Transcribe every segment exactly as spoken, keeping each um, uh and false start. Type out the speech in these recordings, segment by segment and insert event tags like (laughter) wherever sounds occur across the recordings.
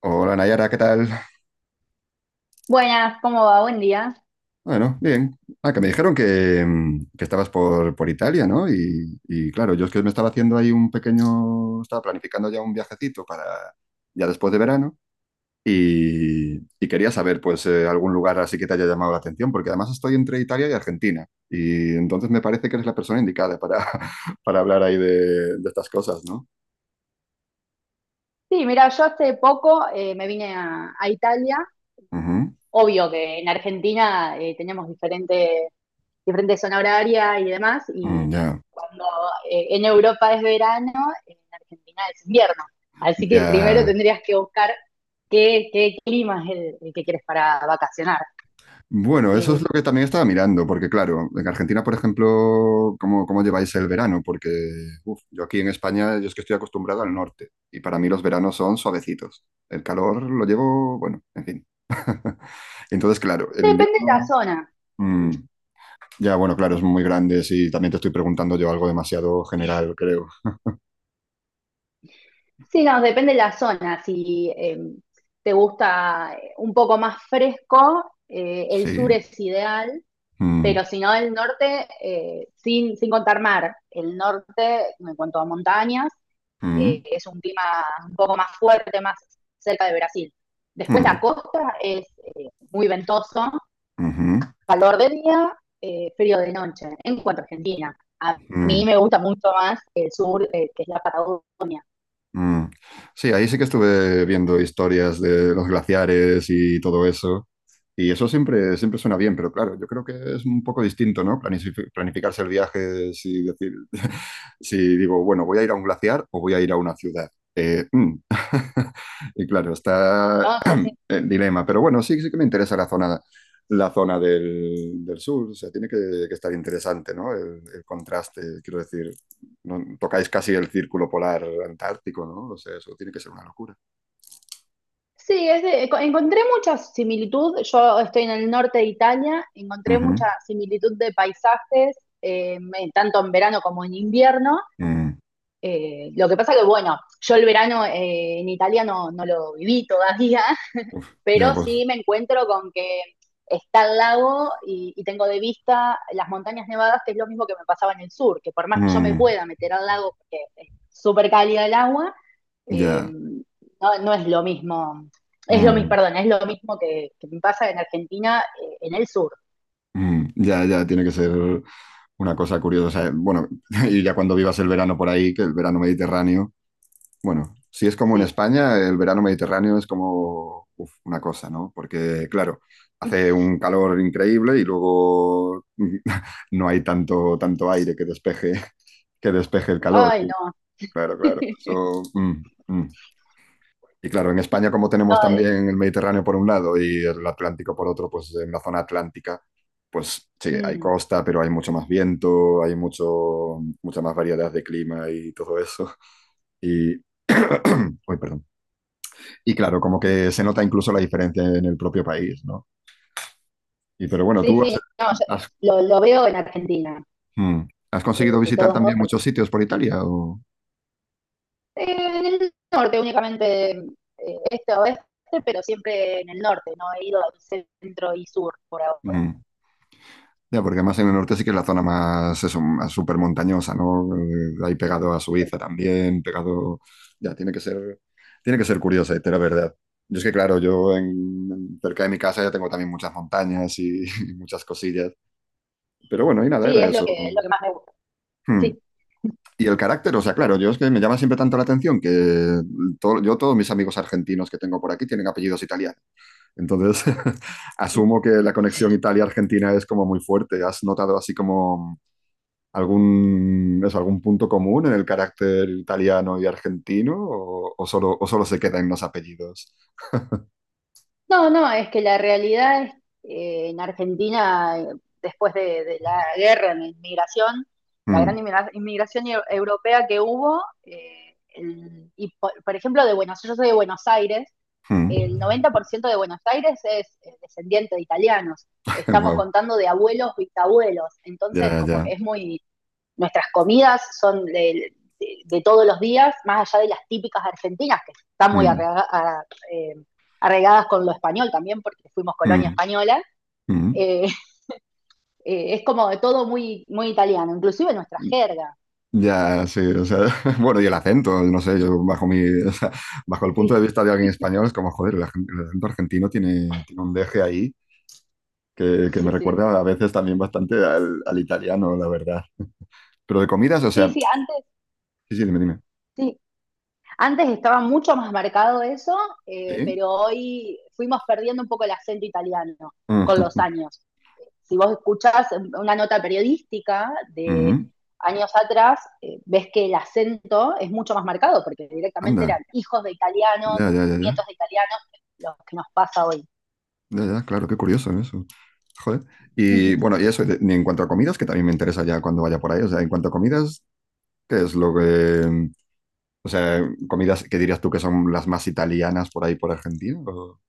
Hola Nayara, ¿qué tal? Buenas, ¿cómo va? Buen día. Bueno, bien. Ah, que me dijeron que, mm, que estabas por, por Italia, ¿no? Y, y claro, yo es que me estaba haciendo ahí un pequeño, estaba planificando ya un viajecito para ya después de verano y, y quería saber pues eh, algún lugar así que te haya llamado la atención, porque además estoy entre Italia y Argentina y entonces me parece que eres la persona indicada para, (laughs) para hablar ahí de, de estas cosas, ¿no? Sí, mira, yo hace poco eh, me vine a, a Italia. Ujú. Obvio que en Argentina eh, teníamos diferente, diferente zona horaria y demás, Mm, y ya, cuando eh, en Europa es verano, en Argentina es invierno. Así que primero ya. tendrías que buscar qué, qué clima es el, el que quieres para vacacionar. Bueno, eso es lo Eh, que también estaba mirando, porque claro, en Argentina, por ejemplo, ¿cómo, cómo lleváis el verano? Porque uf, yo aquí en España, yo es que estoy acostumbrado al norte y para mí los veranos son suavecitos. El calor lo llevo, bueno, en fin. (laughs) Entonces, claro, el Depende de la invierno, zona. mm, ya, bueno, claro, es muy grande, sí, también te estoy preguntando yo algo demasiado general, creo. Sí, no, depende de la zona. Si eh, te gusta eh, un poco más fresco, eh, el sur Sí. es ideal, Mm, pero si no, el norte, eh, sin, sin contar mar, el norte, en cuanto a montañas, mm, eh, es un clima un poco más fuerte, más cerca de Brasil. Después la mm, costa es eh, muy ventoso, ujú, calor de día, eh, frío de noche, en cuanto a Argentina. A mí mm, me gusta mucho más el sur, eh, que es la Patagonia. mm. Sí, ahí sí que estuve viendo historias de los glaciares y todo eso. Y eso siempre, siempre suena bien, pero claro, yo creo que es un poco distinto, ¿no? Planifi- Planificarse el viaje, si decir, (laughs) si digo, bueno, voy a ir a un glaciar o voy a ir a una ciudad. Eh, mm. (laughs) Y claro, está No, sí, sí. el dilema, pero bueno, sí, sí que me interesa la zona, la zona, del, del sur, o sea, tiene que, que estar interesante, ¿no? El, el contraste, quiero decir, no- tocáis casi el círculo polar antártico, ¿no? O sea, eso tiene que ser una locura. Sí, es de- enco- encontré mucha similitud. Yo estoy en el norte de Italia, encontré Ujú. mucha similitud de paisajes, eh, en- tanto en verano como en invierno. Mm. Eh, lo que pasa que, bueno, yo el verano eh, en Italia no, no lo viví todavía, Ya, pero pues, sí me encuentro con que está el lago y, y, tengo de vista las montañas nevadas, que es lo mismo que me pasaba en el sur, que por más que yo me mm, pueda meter al lago, porque es súper cálida el agua, eh, ya. no, no, es lo mismo, es lo mismo, Mm. perdón, es lo mismo que, que me pasa en Argentina, eh, en el sur, Mm, ya, ya, tiene que ser una cosa curiosa. eh. Bueno, (laughs) y ya cuando vivas el verano por ahí, que el verano mediterráneo, bueno, si es como en sí. España, el verano mediterráneo es como uf, una cosa, ¿no? Porque, claro, hace un calor increíble y luego (laughs) no hay tanto, tanto aire que despeje, que despeje el calor. Ay, no. Claro, claro. (laughs) Eso, mm, mm. Y claro, en España, como No tenemos eh, también el Mediterráneo por un lado y el Atlántico por otro, pues en la zona atlántica, pues sí, hay mm. costa, pero hay mucho más viento, hay mucho, mucha más variedad de clima y todo eso. (laughs) Y, uy, perdón. Y claro, como que se nota incluso la diferencia en el propio país, ¿no? Y pero bueno, Sí, ¿tú sí, has, no, has- yo lo, lo, veo en Argentina, mm, ¿has eh, conseguido de visitar todos modos, también porque muchos sitios por Italia? O? Eh, en el norte únicamente, eh, este oeste, pero siempre en el norte, no he ido al centro y sur por ahora. Mm. Ya, porque además en el norte sí que es la zona más, eso, más súper montañosa, ¿no? Eh, Ahí pegado a Suiza también, pegado. Ya, tiene que ser, tiene que ser curiosa, la verdad. Yo es que, claro, yo en, en- cerca de mi casa ya tengo también muchas montañas y, (laughs) y muchas cosillas. Pero bueno, y nada, Sí, era es lo eso. que, lo que más me gusta. Hmm. Sí. Y el carácter, o sea, claro, yo es que me llama siempre tanto la atención que todo- yo todos mis amigos argentinos que tengo por aquí tienen apellidos italianos. Entonces, (laughs) asumo que la conexión Italia-Argentina es como muy fuerte. ¿Has notado así como algún, eso, algún punto común en el carácter italiano y argentino o, o solo, o solo se queda en los apellidos? No, no, es que la realidad es eh, en Argentina, eh, después de, de la guerra en la inmigración, la gran Mm, inmigra- inmigración eu- europea que hubo, eh, el- y por, por ejemplo de Buenos, yo soy de Buenos Aires, mm. el noventa por ciento de Buenos Aires es eh, descendiente de italianos. (laughs) Estamos Wow, contando de abuelos, bisabuelos. Entonces, ya, como que ya. es muy. Nuestras comidas son de, de, de todos los días, más allá de las típicas argentinas, que están muy Mm, arrega, a, eh, arregadas con lo español también, porque fuimos colonia mm, española. mm. Eh, eh, es como de todo muy, muy italiano, inclusive nuestra jerga. Ya, sí, o sea, (laughs) bueno, y el acento, no sé, yo bajo mi, (laughs) o sea, bajo el punto de Sí, vista de alguien español es como, joder, el, agen- el acento argentino tiene, tiene un deje ahí que, (laughs) que sí, me sí. recuerda a veces también bastante al, al italiano, la verdad. Pero de comidas, o Sí, sí, sea, sí antes, sí, sí, dime, dime. sí, antes estaba mucho más marcado eso, eh, ¿Sí? pero hoy fuimos perdiendo un poco el acento italiano con los (laughs) años. Si vos escuchás una nota periodística Mm, de mm, años atrás, eh, ves que el acento es mucho más marcado, porque directamente anda. eran hijos de italianos, Ya, ya, ya, ya. nietos de italianos, los que nos pasa hoy. Ya, ya, claro, qué curioso eso. Joder. Y (laughs) bueno, y eso, de- y en cuanto a comidas, que también me interesa ya cuando vaya por ahí. O sea, en cuanto a comidas, ¿qué es lo que. O sea, comidas que dirías tú que son las más italianas por ahí por Argentina? ¿O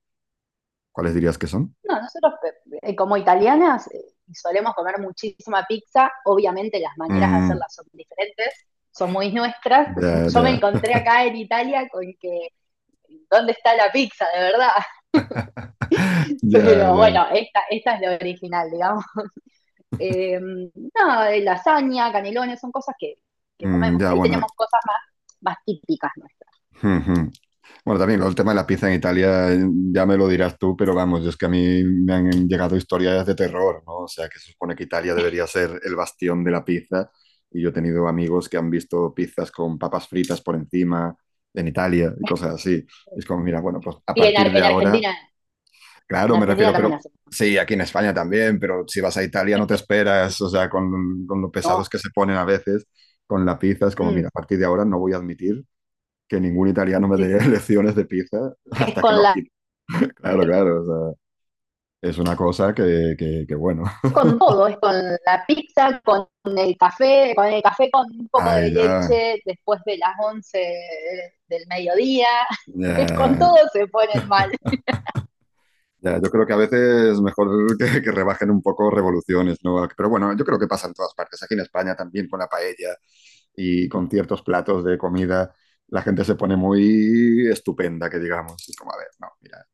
cuáles dirías que son? No, nosotros eh, eh, como italianas eh, solemos comer muchísima pizza, obviamente las maneras de Mm, hacerla son diferentes, son muy nuestras. ya, (laughs) Yo ya, me encontré acá en Italia con que, ¿dónde está la pizza de verdad? (laughs) (laughs) ya, Pero ya. bueno, esta, esta es la original, digamos. Eh, no, eh, Lasaña, canelones, son cosas que, que Mm, comemos, ya, por ahí bueno. tenemos cosas más, más típicas nuestras. (laughs) Bueno, también lo el tema de la pizza en Italia, eh, ya me lo dirás tú, pero vamos, es que a mí me han llegado historias de terror, ¿no? O sea, que se supone que Italia debería ser el bastión de la pizza, y yo he tenido amigos que han visto pizzas con papas fritas por encima en Italia y cosas así. Y es como, mira, bueno, pues a Y en, partir Ar- de en ahora, Argentina, en claro, me Argentina refiero, pero también hacemos. sí, aquí en España también, pero si vas a Italia no te esperas, o sea, con, con lo pesados No, que se ponen a veces con la pizza, es como, mm, mira, a partir de ahora no voy a admitir que ningún italiano me si dé (laughs) lecciones de pizza es hasta que no con la, quite. Claro, claro, o sea, es una cosa que, que, que bueno, (laughs) con todo, es con la pizza, con el café, con el café con un poco ay, de ya, leche después de las once del mediodía, (laughs) con ya, todo se ponen mal. ya, yo creo que a veces es mejor (laughs) que, que, rebajen un poco revoluciones, ¿no? Pero bueno, yo creo que pasa en todas partes, aquí en España también con la paella y con ciertos platos de comida, la gente se pone muy estupenda, que digamos, y como, a ver, no, mira,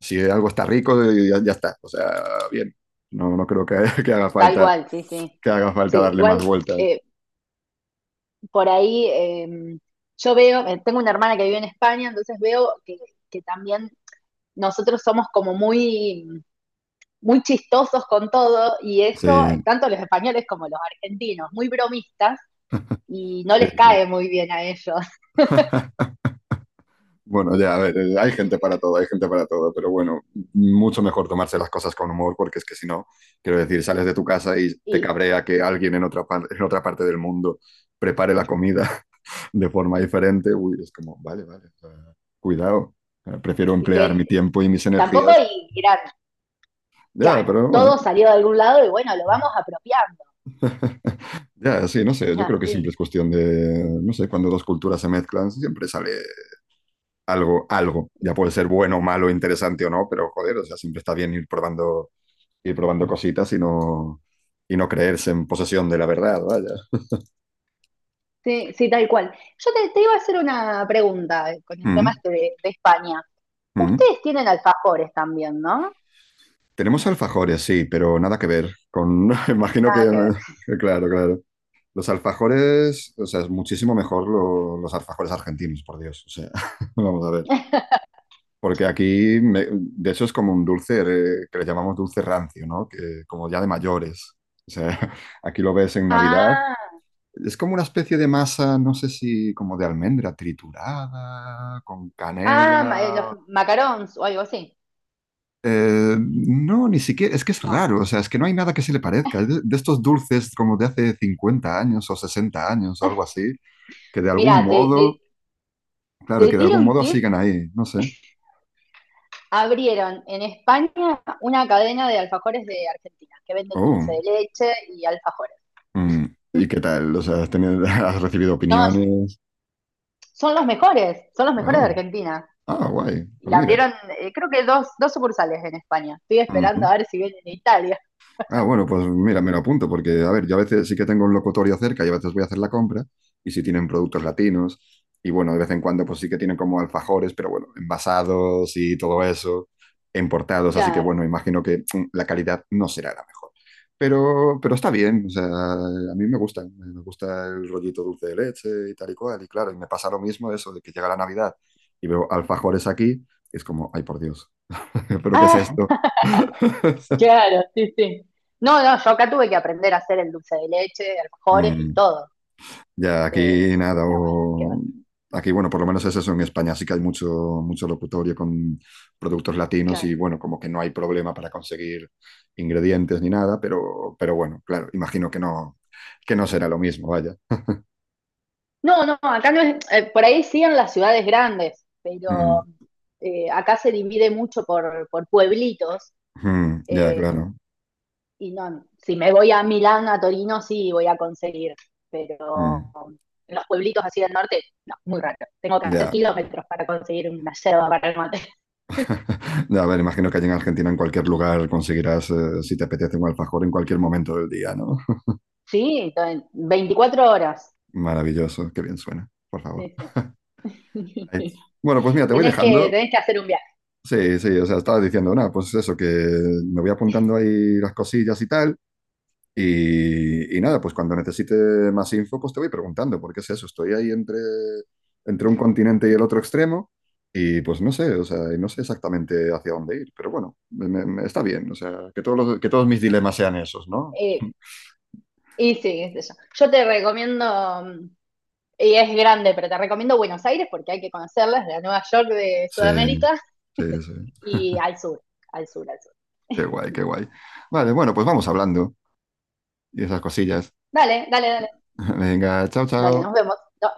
si algo está rico, eh, ya, ya está, o sea, bien, no, no creo que, (laughs) que haga Tal falta cual, sí, sí. que haga falta Sí, darle más igual vueltas. eh, por ahí eh, yo veo, eh, tengo una hermana que vive en España, entonces veo que, que también nosotros somos como muy, muy chistosos con todo y eso, Sí, tanto los españoles como los argentinos, muy bromistas y no sí, les sí. cae muy bien a ellos. Bueno, ya, a ver, eh, hay gente (laughs) para todo, hay gente para todo, pero bueno, mucho mejor tomarse las cosas con humor, porque es que si no, quiero decir, sales de tu casa y te Y cabrea que alguien en otra, par- en otra parte del mundo prepare la comida (laughs) de forma diferente. Uy, es como, vale, vale, o sea, cuidado, eh, prefiero Y emplear mi que tiempo y mis tampoco energías. y eran, Ya, claro, pero bueno, todo salió de algún lado y bueno, lo vamos apropiando. (laughs) ya, sí, no sé, Es yo creo que siempre es así. cuestión de, no sé, cuando dos culturas se mezclan, siempre sale algo, algo. Ya puede ser bueno, malo, interesante o no, pero joder, o sea, siempre está bien ir probando, ir probando cositas y no, y no creerse en posesión de la verdad, vaya. Sí, sí, tal cual. Yo te, te iba a hacer una pregunta eh, con el tema Mm, este de, de España. mm. Ustedes tienen alfajores también, ¿no? Tenemos alfajores, sí, pero nada que ver con, (laughs) imagino que, Nada que ver. (laughs) claro, claro. Los alfajores, o sea, es muchísimo mejor lo- los alfajores argentinos, por Dios, o sea, (laughs) vamos a ver. (laughs) Porque aquí, me- de hecho, es como un dulce eh, que le llamamos dulce rancio, ¿no? Que como ya de mayores. O sea, (laughs) aquí lo ves en Navidad. Ah, Es como una especie de masa, no sé si como de almendra triturada, con ah, ma- eh, los canela. macarons o algo así. Eh, no, ni siquiera, es que es No. raro, o sea, es que no hay nada que se le parezca. Es de, de estos dulces como de hace cincuenta años o sesenta años o algo así, que de algún Mira, te, te, modo, te claro, que de tiro algún un modo tip. sigan ahí, no sé. Abrieron en España una cadena de alfajores de Argentina que venden dulce Oh, de leche y alfajores. mm, ¿y qué tal? O sea, ¿has, tenido- (laughs) has recibido No opiniones? son los mejores, son los mejores de Oh, Argentina. ah, guay, Y pues mira. abrieron, eh, creo que dos, dos sucursales en España. Estoy Ujú. esperando a ver si vienen en Italia. Ah, bueno, pues mira, me lo apunto porque, a ver, yo a veces sí que tengo un locutorio cerca y a veces voy a hacer la compra y si tienen productos latinos y bueno, de vez en cuando pues sí que tienen como alfajores, pero bueno, envasados y todo eso, importados, así que Claro. bueno, imagino que mm, la calidad no será la mejor. Pero, pero está bien, o sea, a mí me gusta, me gusta el rollito dulce de leche y tal y cual, y claro, y me pasa lo mismo eso de que llega la Navidad y veo alfajores aquí, es como, ay por Dios, (laughs) pero ¿qué es Ah, esto? (laughs) claro, sí, sí. No, no, yo acá tuve que aprender a hacer el dulce de leche, alfajores y Mm, todo. ya, Eh, aquí nada, pero bueno, qué va. o aquí bueno, por lo menos es eso, en España sí que hay mucho, mucho, locutorio con productos latinos Claro. y bueno, como que no hay problema para conseguir ingredientes ni nada, pero, pero bueno, claro, imagino que no, que no será lo mismo, vaya. No, no, acá no es, eh, por ahí sí en las ciudades grandes, pero Mm, eh, acá se divide mucho por, por pueblitos. mm, ya, eh, claro. Y no, si me voy a Milán, a Torino, sí voy a conseguir, pero Mm, en los pueblitos así del norte, no, muy raro. Tengo que hacer ya. kilómetros para conseguir una yerba para el mate. (laughs) (laughs) Ya, a ver, imagino que allí en Argentina, en cualquier lugar, conseguirás, eh, si te apetece, un alfajor en cualquier momento del día, ¿no? (laughs) Sí, entonces, veinticuatro horas. Maravilloso, qué bien suena, por favor. Sí, sí. Ay, (laughs) bueno, pues mira, te voy tenés, que, dejando. Tenés que hacer un viaje. Sí, sí, o sea, estaba diciendo, nada, pues eso, que me voy apuntando ahí las cosillas y tal, y, y nada, pues cuando necesite más info, pues te voy preguntando, porque es eso, estoy ahí entre, entre, un continente y el otro extremo, y pues no sé, o sea, y no sé exactamente hacia dónde ir, pero bueno, me- me- me- está bien, o sea, que todos los- que todos mis dilemas sean esos, ¿no? Eh, y sí, qué sé yo. Yo te recomiendo, mm, y es grande, pero te recomiendo Buenos Aires porque hay que conocerlas, la Nueva York de Sí, Sudamérica. sí, (laughs) sí, Y al sur, al sur, al sur. qué guay, qué guay. Vale, bueno, pues vamos hablando y esas cosillas. Dale, dale, dale, (laughs) Venga, chao, dale, chao. nos vemos. No,